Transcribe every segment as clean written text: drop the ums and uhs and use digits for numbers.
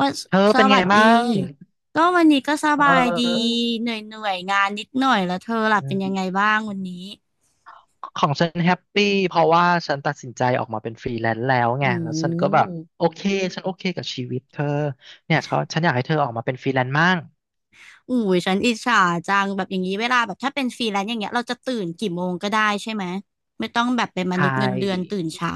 ว่าเธอสเป็นไงวัสบ้าดีงก็วันนี้ก็สเบายดีออเหนื่อยเหนื่อยงานนิดหน่อยแล้วเธอล่ะอืเป็นมยังไงบ้างวันนี้ของฉันแฮปปี้เพราะว่าฉันตัดสินใจออกมาเป็นฟรีแลนซ์แล้วอืไงแล้วฉันก็แบบมโอเคฉันโอเคกับชีวิตเธอเนี่ยเขาฉันอยากให้เธอออกมาเป็นฟรีแลนซ์มั่งอู้ยฉันอิจฉาจังแบบอย่างนี้เวลาแบบถ้าเป็นฟรีแลนซ์อย่างเงี้ยเราจะตื่นกี่โมงก็ได้ใช่ไหมไม่ต้องแบบเป็นมใช่นุษย์เงินเดือนตื่นเช้า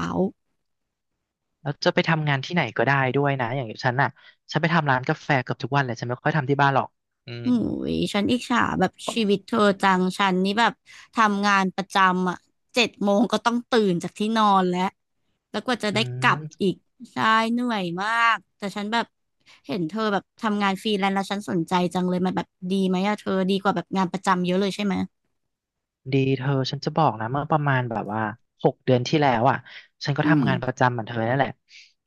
แล้วจะไปทำงานที่ไหนก็ได้ด้วยนะอย่างฉันน่ะฉันไปทำร้านกาแฟเกือบทุกวันเลยฉันไม่ค่อยทำที่บ้านหรอกอืมหูยฉันอิจฉาแบบชีวิตเธอจังฉันนี่แบบทำงานประจำอ่ะเจ็ดโมงก็ต้องตื่นจากที่นอนแล้วแล้วกว่าจะอืได้กลับอีม กใช่เหนื่อยมากแต่ฉันแบบเห็นเธอแบบทำงานฟรีแลนซ์แล้วฉันสนใจจังเลยมันแบบดีไหมอะเธอดีกว่าแบบงานประจำเยอะเลยใช่ไหมดีเธอฉันจะบอกนะเมื่อประมาณแบบว่า6 เดือนที่แล้วอ่ะฉันก็อืมทำงานประจำเหมือนเธอนั่นแหละ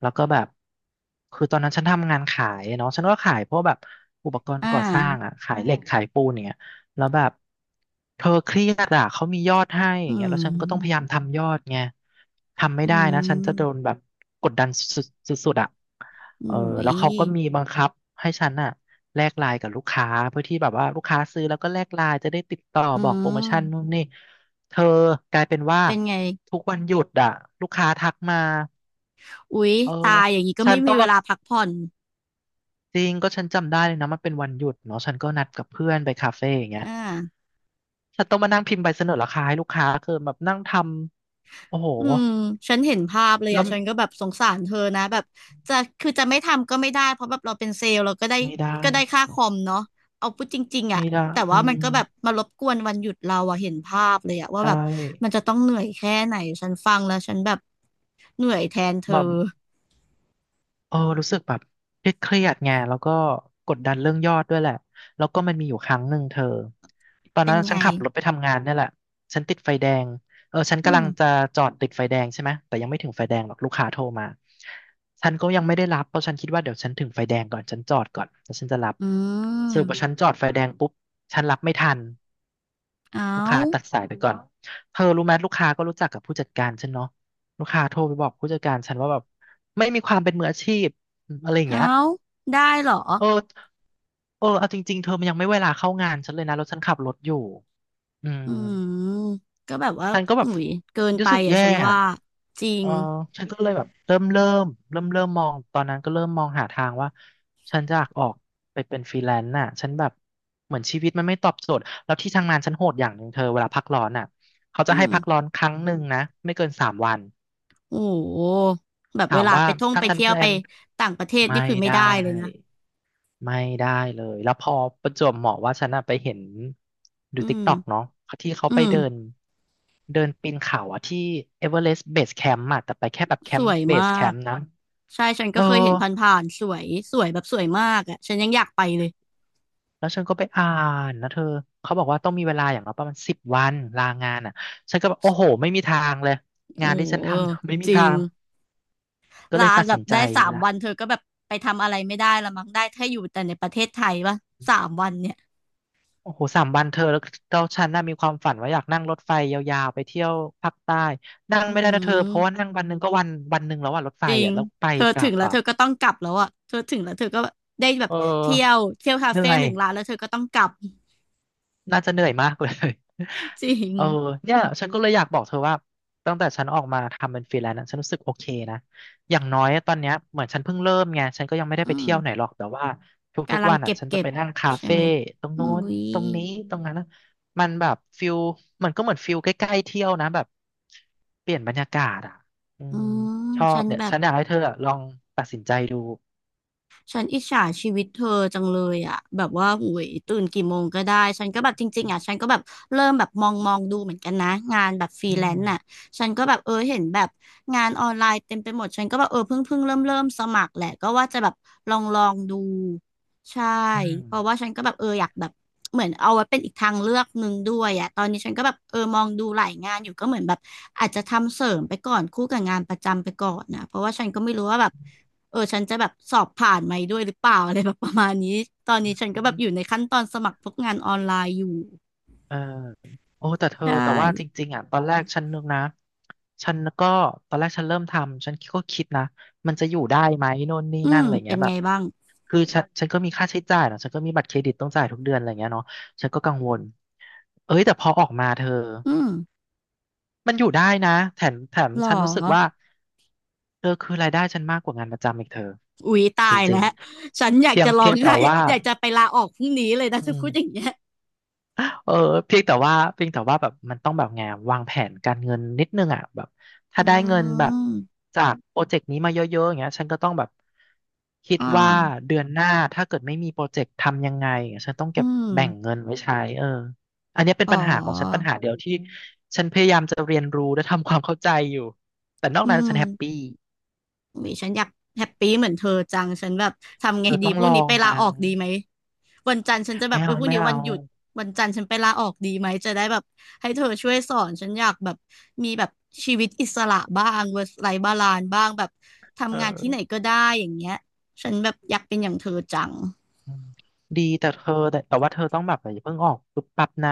แล้วก็แบบคือตอนนั้นฉันทำงานขายเนาะฉันก็ขายพวกแบบอุปกรณ์อ่ก่อสร้างาอ่ะขายเหล็ก แล้วแบบเธอเครียดอ่ะเขามียอดให้ออืย่างเงี้ยแล้วฉันก็ต้องพยายามมทำยอดไงทำไม่อืได้นะฉันจะโดนมแบบกดดันสุดๆสุดๆอ่ะเออหูยแล้วเขาก็มีบังคับให้ฉันอ่ะแลกไลน์กับลูกค้าเพื่อที่แบบว่าลูกค้าซื้อแล้วก็แลกไลน์จะได้ติดต่ออืบอกโปรโมชั่นนู่มนนี่เธอกลายเป็นว่าเป็นไงทุกวันหยุดอ่ะลูกค้าทักมาอุ๊ยเออตายอย่างนี้ก็ฉัไม่นต้มีองเวมา ลาพักผ่อนจริงก็ฉันจำได้เลยนะมันเป็นวันหยุดเนาะฉันก็นัดกับเพื่อนไปคาเฟ่อย่างเงี้ยอ่า ฉันต้องมานั่งพิมพ์ใบเสนอราคาให้ลูกค้าคือแบบนั่งทำโอ้โหอืมฉันเห็นภาพเลยแล้อ่ะวฉันก็แบบสงสารเธอนะแบบจะคือจะไม่ทำก็ไม่ได้เพราะแบบเราเป็นเซลล์เราก็ได้ไม่ได้ก็ได้ค่าคอมเนาะเอาพูดจริงๆอ่ะไม่ได้แต่อืว่ามัมนก็แบบมารบกวนวันหยุดเราอ่ะเห็นภาพเลยอ่ะว่าใช่แบบมันจะต้องเหนื่อยแค่ไหนฉันฟังแล้วฉันแบบเหนื่อยแทนเธอแบบ เออรู้สึกแบบเครียดๆไงแล้วก็กดดันเรื่องยอดด้วยแหละ แล้วก็มันมีอยู่ครั้งหนึ่งเธอตอนเป็นั้นนไงฉันขับรถไปทำงานเนี่ยแหละฉันติดไฟแดงเออฉันอืกำลัมงจะจอดติดไฟแดงใช่ไหมแต่ยังไม่ถึงไฟแดงหรอกลูกค้าโทรมาฉันก็ยังไม่ได้รับเพราะฉันคิดว่าเดี๋ยวฉันถึงไฟแดงก่อนฉันจอดก่อนแล้วฉันจะรับอืสรุปว่าฉัมนจอดไฟแดงปุ๊บฉันรับไม่ทัน เอาลูกค้าตัดสายไปก่อน เธอรู้ไหมลูกค้าก็รู้จักกับผู้จัดการฉันเนาะ ลูกค้าโทรไปบอกผู้จัดการฉันว่าแบบไม่มีความเป็นมืออาชีพอะไรอย่างเงี้ยเอาได้เหรอเออเออเอาจริงๆเธอมันยังไม่เวลาเข้างานฉันเลยนะแล้วฉันขับรถอยู่อือืมมก็แบบว่าฉันก็แบหบนุยเกินไปรู้สึกอ่ะแย่ฉันอะ ว่าจริเองอฉันก็เลยแบบเริ่มมองตอนนั้นก็เริ่มมองหาทางว่าฉันจะอยากออกไปเป็นฟรีแลนซ์น่ะฉันแบบเหมือนชีวิตมันไม่ตอบโจทย์แล้วที่ทำงานฉันโหดอย่างหนึ่งเธอเวลาพักร้อนน่ะเขาจะอืให้ม พักร้อนครั้งหนึ่งนะไม่เกินสามวันโอ้โหแบบถาเวมลาว่าไปท่องถ้าไปฉันเที่แพยวลไปนต่างประเทศไม่นี่คือไม่ได้ได้เลยนะไม่ได้เลยแล้วพอประจวบเหมาะว่าฉันน่ะไปเห็นดูอืติ๊กมต็อกเนาะที่เขาอืไปเดินมเดินปีนเขาอะที่เอเวอเรสต์เบสแคมป์อะแต่ไปแค่แบบแคสมวป์ยเบมาสแคกมป์นะ ใช่ฉันเอก็อเคยเห็นผ่านๆสวยสวยแบบสวยมากอ่ะฉันยังอยากไปเลยแล้วฉันก็ไปอ่านนะเธอเขาบอกว่าต้องมีเวลาอย่างน้อยประมาณ10 วันลางานอ่ะฉันก็แบบโอ้โหไม่มีทางเลยโอ้งานที่โหฉันทำ ไม่มีจริทางงก็ลาเลยตัดแบสิบนใจได้สามละวันเธอก็แบบไปทำอะไรไม่ได้ละมั้งได้แค่อยู่แต่ในประเทศไทยปะสามวันเนี่ยโอ้โหสามวันเธอแล้วเราฉันน่ะมีความฝันว่าอยากนั่งรถไฟยาวๆไปเที่ยวภาคใต้นั่งอืไม่ได้นะเธอเพราะว่ามนั่งวันหนึ่งก็วันหนึ่งแล้วอ่ะรถไฟจริงอ่ะแล้วไปเธอกลัถึงบแล้วอ่ะเธอก็ต้องกลับแล้วอ่ะเธอถึงแล้วเธอก็ได้แบบเอเที่ยวอเที่ยวคาเหนื่เฟ่อหย นึ่งร้านแล้วเธอก็ต้องกลับ น่าจะเหนื่อยมากเลย จริ งเออเนี่ยฉันก็เลยอยากบอกเธอว่าตั้งแต่ฉันออกมาทำเป็นฟรีแลนซ์อะฉันรู้สึกโอเคนะอย่างน้อยตอนเนี้ยเหมือนฉันเพิ่งเริ่มไงฉันก็ยังไม่ได้ไปอืม เที่ยวไหนหรอกแต่ว่าทุกกำลัๆงวันอ่ะเก็บฉันจะเก็บไปนั่งคาใช่เฟ่ไหมตรงอุ้นู้นยตรงนี้ตรงนั้นนะมันแบบฟิลมันก็เหมือนฟิลใกล้ๆเที่ยวนะแบบเปลี่ยนบรรยากาศอ่ะอือืมม ชอฉับนเนี่ยแบบ ฉันอยากให้เธออะลองตัดสินใจดูฉันอิจฉาชีวิตเธอจังเลยอ่ะแบบว่าห้ยตื่นกี่โมงก็ได้ฉันก็แบบจริงๆอ่ะฉันก็แบบเริ่มแบบมองดูเหมือนกันนะงานแบบฟรีอืแลนมซ์น่ะฉันก็แบบเออเห็นแบบงานออนไลน์เต็มไปหมดฉันก็แบบเออเพิ่งเริ่มสมัครแหละก็ว่าจะแบบลองดูใช่อืเพราะว่าฉันก็แบบเอออยากแบบเหมือนเอาไว้เป็นอีกทางเลือกหนึ่งด้วยอ่ะตอนนี้ฉันก็แบบเออมองดูหลายงานอยู่ก็เหมือนแบบอาจจะทำเสริมไปก่อนคู่กับงานประจำไปก่อนนะเพราะว่าฉันก็ไม่รู้ว่าแบบ เออฉันจะแบบสอบผ่านไหมด้วยหรือเปล่าอะไรแบบประมาณนี้ตอนนี้ฉันก็แบบอยู่ม ในขั้นตอนสมัครพวกงานออนไลน์อยู่เออโอ้แต่เธอใช่แต่ว่าจริงๆอ่ะตอนแรกฉันนึกนะฉันก็ตอนแรกฉันเริ่มทำฉันก็คิดนะมันจะอยู่ได้ไหมโน่นนี่อืนั่นมอะไรเป็เงี้นยแบไงบบ้างคือฉันก็มีค่าใช้จ่ายเนอะฉันก็มีบัตรเครดิตต้องจ่ายทุกเดือนอะไรเงี้ยเนาะฉันก็กังวลเอ้ยแต่พอออกมาเธออืมมันอยู่ได้นะแถมหรอฉันรู้สึกว่าเธอคือรายได้ฉันมากกว่างานประจำอีกเธออุ๊ยตาจยริแล้วงฉันอๆยากเพียงจะลอเพีงยงไหแต่ว่าอยากจะไปลาออกพรุ่งนี้เลยนะอืถ้าพูดอย่างม เงี้ยเออเพียงแต่ว่าแบบมันต้องแบบไงวางแผนการเงินนิดนึงอ่ะแบบถ้าอืได้เงินแบบมจากโปรเจกต์นี้มาเยอะๆอย่างเงี้ยฉันก็ต้องแบบคิดอ่ว่าาเดือนหน้าถ้าเกิดไม่มีโปรเจกต์ทำยังไงอย่างเงี้ยฉันต้องอืเก็บมแบ่งเงินไว้ใช้เอออันเนี้ยเป็นอ๋ปัญหาของฉันปัญอหาเดียวที่ฉันพยายามจะเรียนรู้และทำความเข้าใจอยู่แต่นอกอืนั้นฉันแฮปมปี้อุ๊ยฉันอยากแฮปปี้เหมือนเธอจังฉันแบบทำไงเธอดีต้องพรุ่ลงอนี้งไปลานะออกดีไหม วันจันทร์ฉันจะแบไม่บเอเอาอพรุ่งไม่นี้เอาวันหยุดวันจันทร์ฉันไปลาออกดีไหมจะได้แบบให้เธอช่วยสอนฉันอยากแบบมีแบบชีวิตอิสระบ้าง work life balance บ้างแบบเอทำงานที่ไหนอ ก็ได้อย่างเงี้ยฉันแบบอยากเป็นอย่างเธอจังอืมดีแต่เธอแต่ว่าเธอต้องแบบอย่าเพิ่งออกปุ๊บปั๊บนะ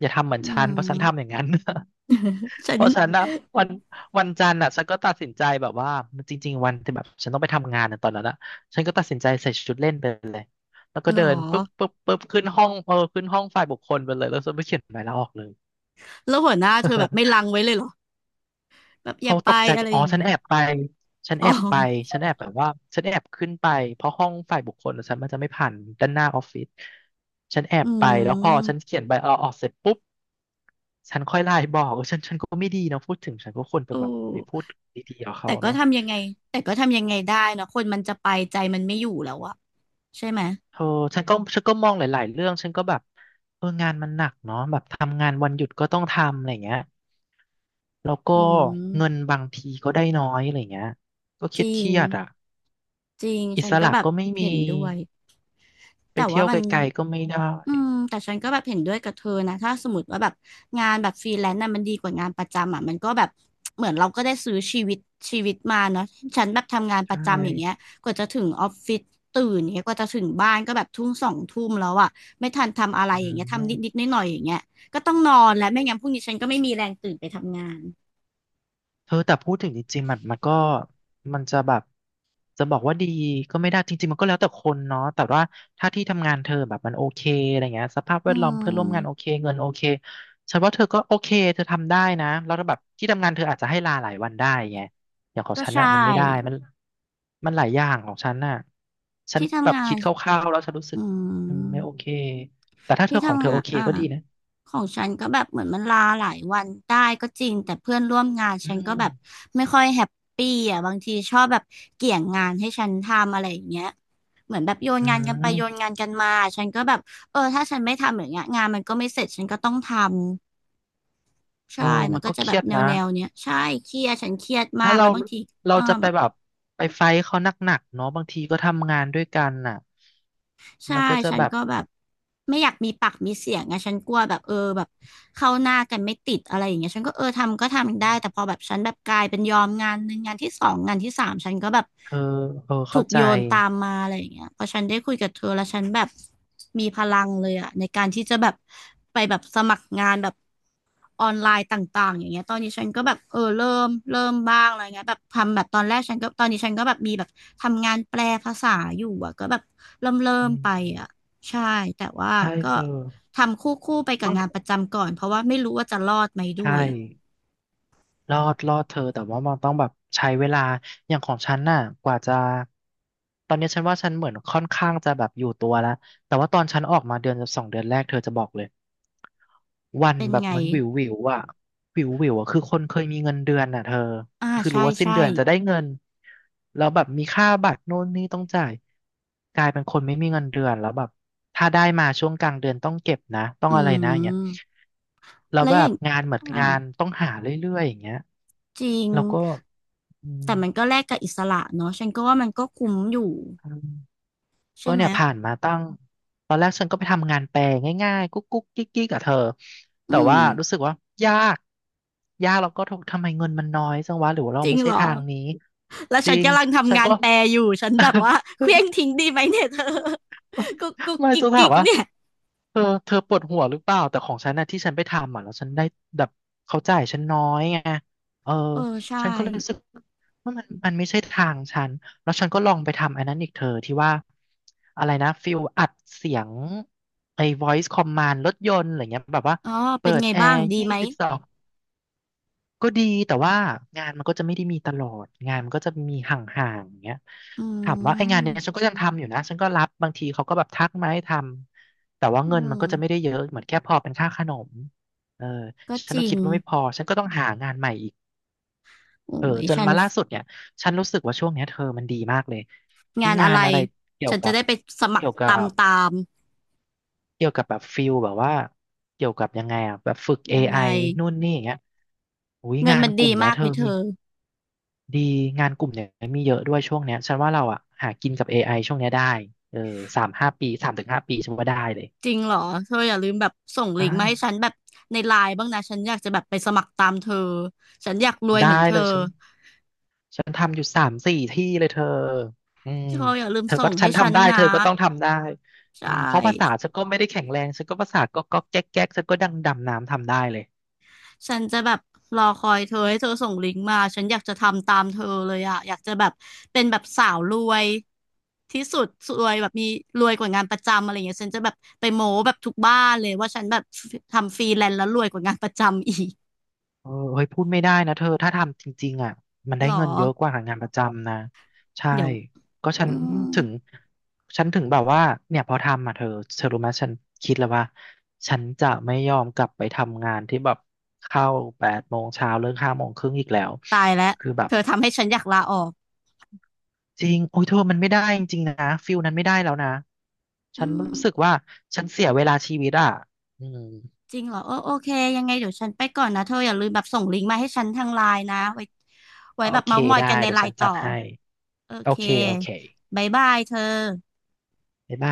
อย่าทำเหมือนอืฉันเพราะฉันทำอย่ามงนั้น ฉั เพนราะฉันนะวันวันจันทร์อ่ะฉันก็ตัดสินใจแบบว่าจริงๆวันที่แบบฉันต้องไปทำงานในะตอนนั้นอ่ะฉันก็ตัดสินใจใส่ชุดเล่นไปเลยแล้วก็เหรอเดินปุ๊บปุ๊บปุ๊บขึ้นห้องขึ้นห้องฝ่ายบุคคลไปเลยแล้วฉันไปเขียนใบลาออกเลย แล้วหัวหน้าเธอแบบไม่ ลังไว้เลยเหรอแบบอย่าเขาไปตกใจอะไรอ๋ออย่างฉันนี้แอบไปฉันอ๋แออบไปฉันแอบแบบว่าฉันแอบขึ้นไปเพราะห้องฝ่ายบุคคลอะฉันมันจะไม่ผ่านด้านหน้าออฟฟิศฉันแออืบไปแล้วพอฉันมเขียนใบลาออกเสร็จปุ๊บฉันค่อยไลน์บอกเออฉันก็ไม่ดีนะพูดถึงฉันก็ควรโอจะแบบไปพูด้ดีๆกับแต่เขาก็เนาะทำยังไงแต่ก็ทำยังไงได้เนอะคนมันจะไปใจมันไม่อยู่แล้วอะใช่ไหมเออฉันก็มองหลายๆเรื่องฉันก็แบบเอองานมันหนักเนาะแบบทำงานวันหยุดก็ต้องทำอะไรเงี้ยแล้วก็อืเงินมบางทีก็ได้น้อยอะไรเงี้ยก็เคจริง รียดๆอ่ะจริงอิฉันสก็ระแบบก็ไม่มี เห็นด้วย ไปแต่เที่ว่ายวมันไกลๆก็ไม่ได้อืมแต่ฉันก็แบบเห็นด้วยกับเธอนะถ้าสมมติว่าแบบงานแบบฟรีแลนซ์น่ะมันดีกว่างานประจำอ่ะมันก็แบบเหมือนเราก็ได้ซื้อชีวิตมาเนาะฉันแบบทำงานปใช่ระจำอย่างเงี้ยกว่าจะถึงออฟฟิศตื่นอย่างเงี้ยกว่าจะถึงบ้านก็แบบทุ่มสองทุ่มแล้วอ่ะไม่ทันทำอะไรอือย่างเงี้ยทำนิดนิดมน้อยหน่อยๆอย่างเงี้ยก็ต้องนอนแล้วไม่งั้นพรุ่งนี้ฉันก็ไม่มีแรงตื่นไปทำงานเธอแต่พูดถึงจริงๆมันก็มันจะแบบจะบอกว่าดีก็ไม่ได้จริงๆมันก็แล้วแต่คนเนาะแต่ว่าถ้าที่ทำงานเธอแบบมันโอเคอะไรเงี้ยสภาพแวอืดล้อมเพื่อมนร่วมงานโอเคเงินโอเคฉันว่าเธอก็โอเคเธอทำได้นะแล้วแบบที่ทำงานเธออาจจะให้ลาหลายวันได้ไงอย่างของก็ฉันใช่น่ะมันไม่ได้มันมันหลายอย่างของฉันน่ะฉันที่แบทำบงาคินดคร่าวๆแล้วฉันรู้สึอืกอืมม ไม่โอเคแต่ถ้าเธที่อของเธทำองาโอนเคอ่าก็ดีนะของฉันก็แบบเหมือนมันลาหลายวันได้ก็จริงแต่เพื่อนร่วมงานอืฉันก็แบบม ไม่ค่อยแฮปปี้อ่ะบางทีชอบแบบเกี่ยงงานให้ฉันทำอะไรอย่างเงี้ยเหมือนแบบโยนอืงานกันไปมโยนงานกันมาฉันก็แบบเออถ้าฉันไม่ทำอย่างเงี้ยงานมันก็ไม่เสร็จฉันก็ต้องทำเอใช่อมัมันนก็ก็จะเคแบรีบยดแนวนะ แนวเนี้ยใช่เครียดฉันเครียดมาถ้ากแล้เราวบางทีเราเออ จะไปแบบไปไฟท์เขาหนักๆเนาะบางทีก็ทำงานด้วยกันน่ะใช่ มันก็จะฉันแบบก็แบบไม่อยากมีปากมีเสียงไงฉันกลัวแบบเออแบบเข้าหน้ากันไม่ติดอะไรอย่างเงี้ยฉันก็เออทำก็ทำได้ แต่พอแบบฉันแบบกลายเป็นยอมงานหนึ่งงานที่สองงานที่สามฉันก็แบบเออเออถูเข้ากใจโยนตามมาอะไรอย่างเงี้ยพอฉันได้คุยกับเธอแล้วฉันแบบมีพลังเลยอะในการที่จะแบบไปแบบสมัครงานแบบ ออนไลน์ต่างๆอย่างเงี้ยตอนนี้ฉันก็แบบเออเริ่มบ้างอะไรเงี้ยแบบทำแบบตอนแรกฉันก็ตอนนี้ฉันก็แบบมีแบบทำงานแปลภาษาอยู่อะก็แบบเริ่มเริ่อืมไปอะมใช่แต่ว่าใช่ก็เธอทำคู่คู่ไปกับต้องงานประจำก่อนเพราะว่าไม่รู้ว่าจะรอดไหมด้ใช่ วยรอดเธอแต่ว่ามันต้องแบบใช้เวลาอย่างของฉันน่ะกว่าจะตอนนี้ฉันว่าฉันเหมือนค่อนข้างจะแบบอยู่ตัวแล้วแต่ว่าตอนฉันออกมาเดือนสองเดือนแรกเธอจะบอกเลยวันเป็นแบบไงเหมันวิวอ่ะวิวอ่ะคือคนเคยมีเงินเดือนน่ะเธอ อ่าคือใช่รู้ว่าสิ้นใช่เดือนจะได้เงินแล้วแบบมีค่าบัตรโน่นนี่ต้องจ่ายกลายเป็นคนไม่มีเงินเดือนแล้วแบบถ้าได้มาช่วงกลางเดือนต้องเก็บนะต้องอือะไรนะอย่างเงี้ยมแล้วแล้วแบอย่าบงงานเหมือนอ่างานต้องหาเรื่อยๆอย่างเงี้ยจริงแล้วก็อืมแต่มันก็แลกกับอิสระเนาะฉันก็ว่ามันก็คุ้มอยู่ใช่ก็ไหมเนี่ยผ่านมาตั้งตอนแรกฉันก็ไปทำงานแปลง่ายๆกุ๊กกุ๊กกิ๊กกิ๊กกับเธอแต่อืมว่ารู้สึกว่ายากยากแล้วก็ทำไมเงินมันน้อยจังวะหรือว่าเราจริงไม่ใช่เหรอ ทางนี้แล้วจฉัรินงกำลังฉัทำนงานก็ แปลอยู่ฉันแบบว่า เคว้งทิ้งดีไหมเนี่ยเธอ กุ๊กกุ๊กไม่กิ๊กจะถากิ๊มกว่าเนี่ยเธอปวดหัวหรือเปล่าแต่ของฉันนะที่ฉันไปทำอ่ะแล้วฉันได้แบบเขาจ่ายฉันน้อยไงเออเออใช่ฉันก็เลยรู้สึกว่ามันไม่ใช่ทางฉันแล้วฉันก็ลองไปทำอันนั้นอีกเธอที่ว่าอะไรนะฟิลอัดเสียงไอ้ voice command รถยนต์อะไรเงี้ยแบบว่าอ๋อเป็เปินดไงแอบ้างร์ดียี่ไหมสิบสอง ก็ดีแต่ว่างานมันก็จะไม่ได้มีตลอดงานมันก็จะมีห่างๆอย่างเงี้ยอืถามว่าไอ้งามนเนี้ยฉันก็ยังทำอยู่นะฉันก็รับบางทีเขาก็แบบทักมาให้ทำแต่ว่าเงิอืนมันก็จะไม่ได้มเยอะเหมือนแค่พอเป็นค่าขนมเออก็ฉัจนก็ริงคิดว่าไม่พอฉันก็ต้องหางานใหม่อีกโอ้เออยจนฉันมาล่าสุดเนี่ยฉันรู้สึกว่าช่วงเนี้ยเธอมันดีมากเลยงาที่นอะงาไรนอะไรเกี่ยฉัวนจะกับได้ไปสมัคเกี่รยวกัตามบตามเกี่ยวกับแบบฟิลแบบว่าเกี่ยวกับยังไงอ่ะแบบฝึก a อยังไอไงนู่นนี่อย่างเงี้ยอุ้ยเงินงานมันกดีลุ่มเนี้ยมากเธไหอมเธมี อดีงานกลุ่มเนี่ยมีเยอะด้วยช่วงเนี้ยฉันว่าเราอ่ะหากินกับ AI ช่วงเนี้ยได้เออสามห้าปีสามถึงห้าปีฉันว่าได้เลยจริงเหรอเธออย่าลืมแบบส่งลิได้งก์มาให้ฉันแบบในไลน์บ้างนะฉันอยากจะแบบไปสมัครตามเธอ ฉันอยากรวยได้เหมือนเธเลอยฉันทำอยู่สามสี่ที่เลยเธออืมเธออย่าลืมเธอก็ส่งฉัให้นฉันทำได้เธนะอก็ต้องทำได้ใช่ อืมเพราะภาษาฉันก็ไม่ได้แข็งแรงฉันก็ภาษาก็ก็แก๊กแก๊กฉันก็ดังดำน้ำทำได้เลย ฉันจะแบบรอคอยเธอให้เธอส่งลิงก์มา ฉันอยากจะทำตามเธอเลยอะอยากจะแบบเป็นแบบสาวรวยที่สุดรวยแบบมีรวยกว่างานประจำอะไรเงี้ยฉันจะแบบไปโม้แบบทุกบ้านเลยว่าฉันแบบทำฟรีแลนซ์แล้วรวยกว่างานประจำอีกเออเฮ้ยพูดไม่ได้นะเธอถ้าทำจริงๆอ่ะมันหได้รอเงินเยอะกว่าหางานประจำนะใช่เดี๋ยวก็อืมถึงฉันถึงแบบว่าเนี่ยพอทำอ่ะเธอเธอรู้ไหมฉันคิดแล้วว่าฉันจะไม่ยอมกลับไปทำงานที่แบบเข้าแปดโมงเช้าเลิกห้าโมงครึ่งอีกแล้วตายแล้วคือแบบเธอทำให้ฉันอยากลาออกจริงโอ้ยเธอมันไม่ได้จริงๆนะฟิลนั้นไม่ได้แล้วนะฉัอืนมรู้สึกว่าฉันเสียเวลาชีวิตอ่ะอืมจริงเหรอเออโอเคยังไงเดี๋ยวฉันไปก่อนนะเธออย่าลืมแบบส่งลิงก์มาให้ฉันทางไลน์นะไว้ไว้โอแบบเคเม้าท์มอยได้กันในเดี๋ยไลวฉัน์นต่จัอ ดให้โอโอเค เคโอเคบายบายเธอบ๊ายบาย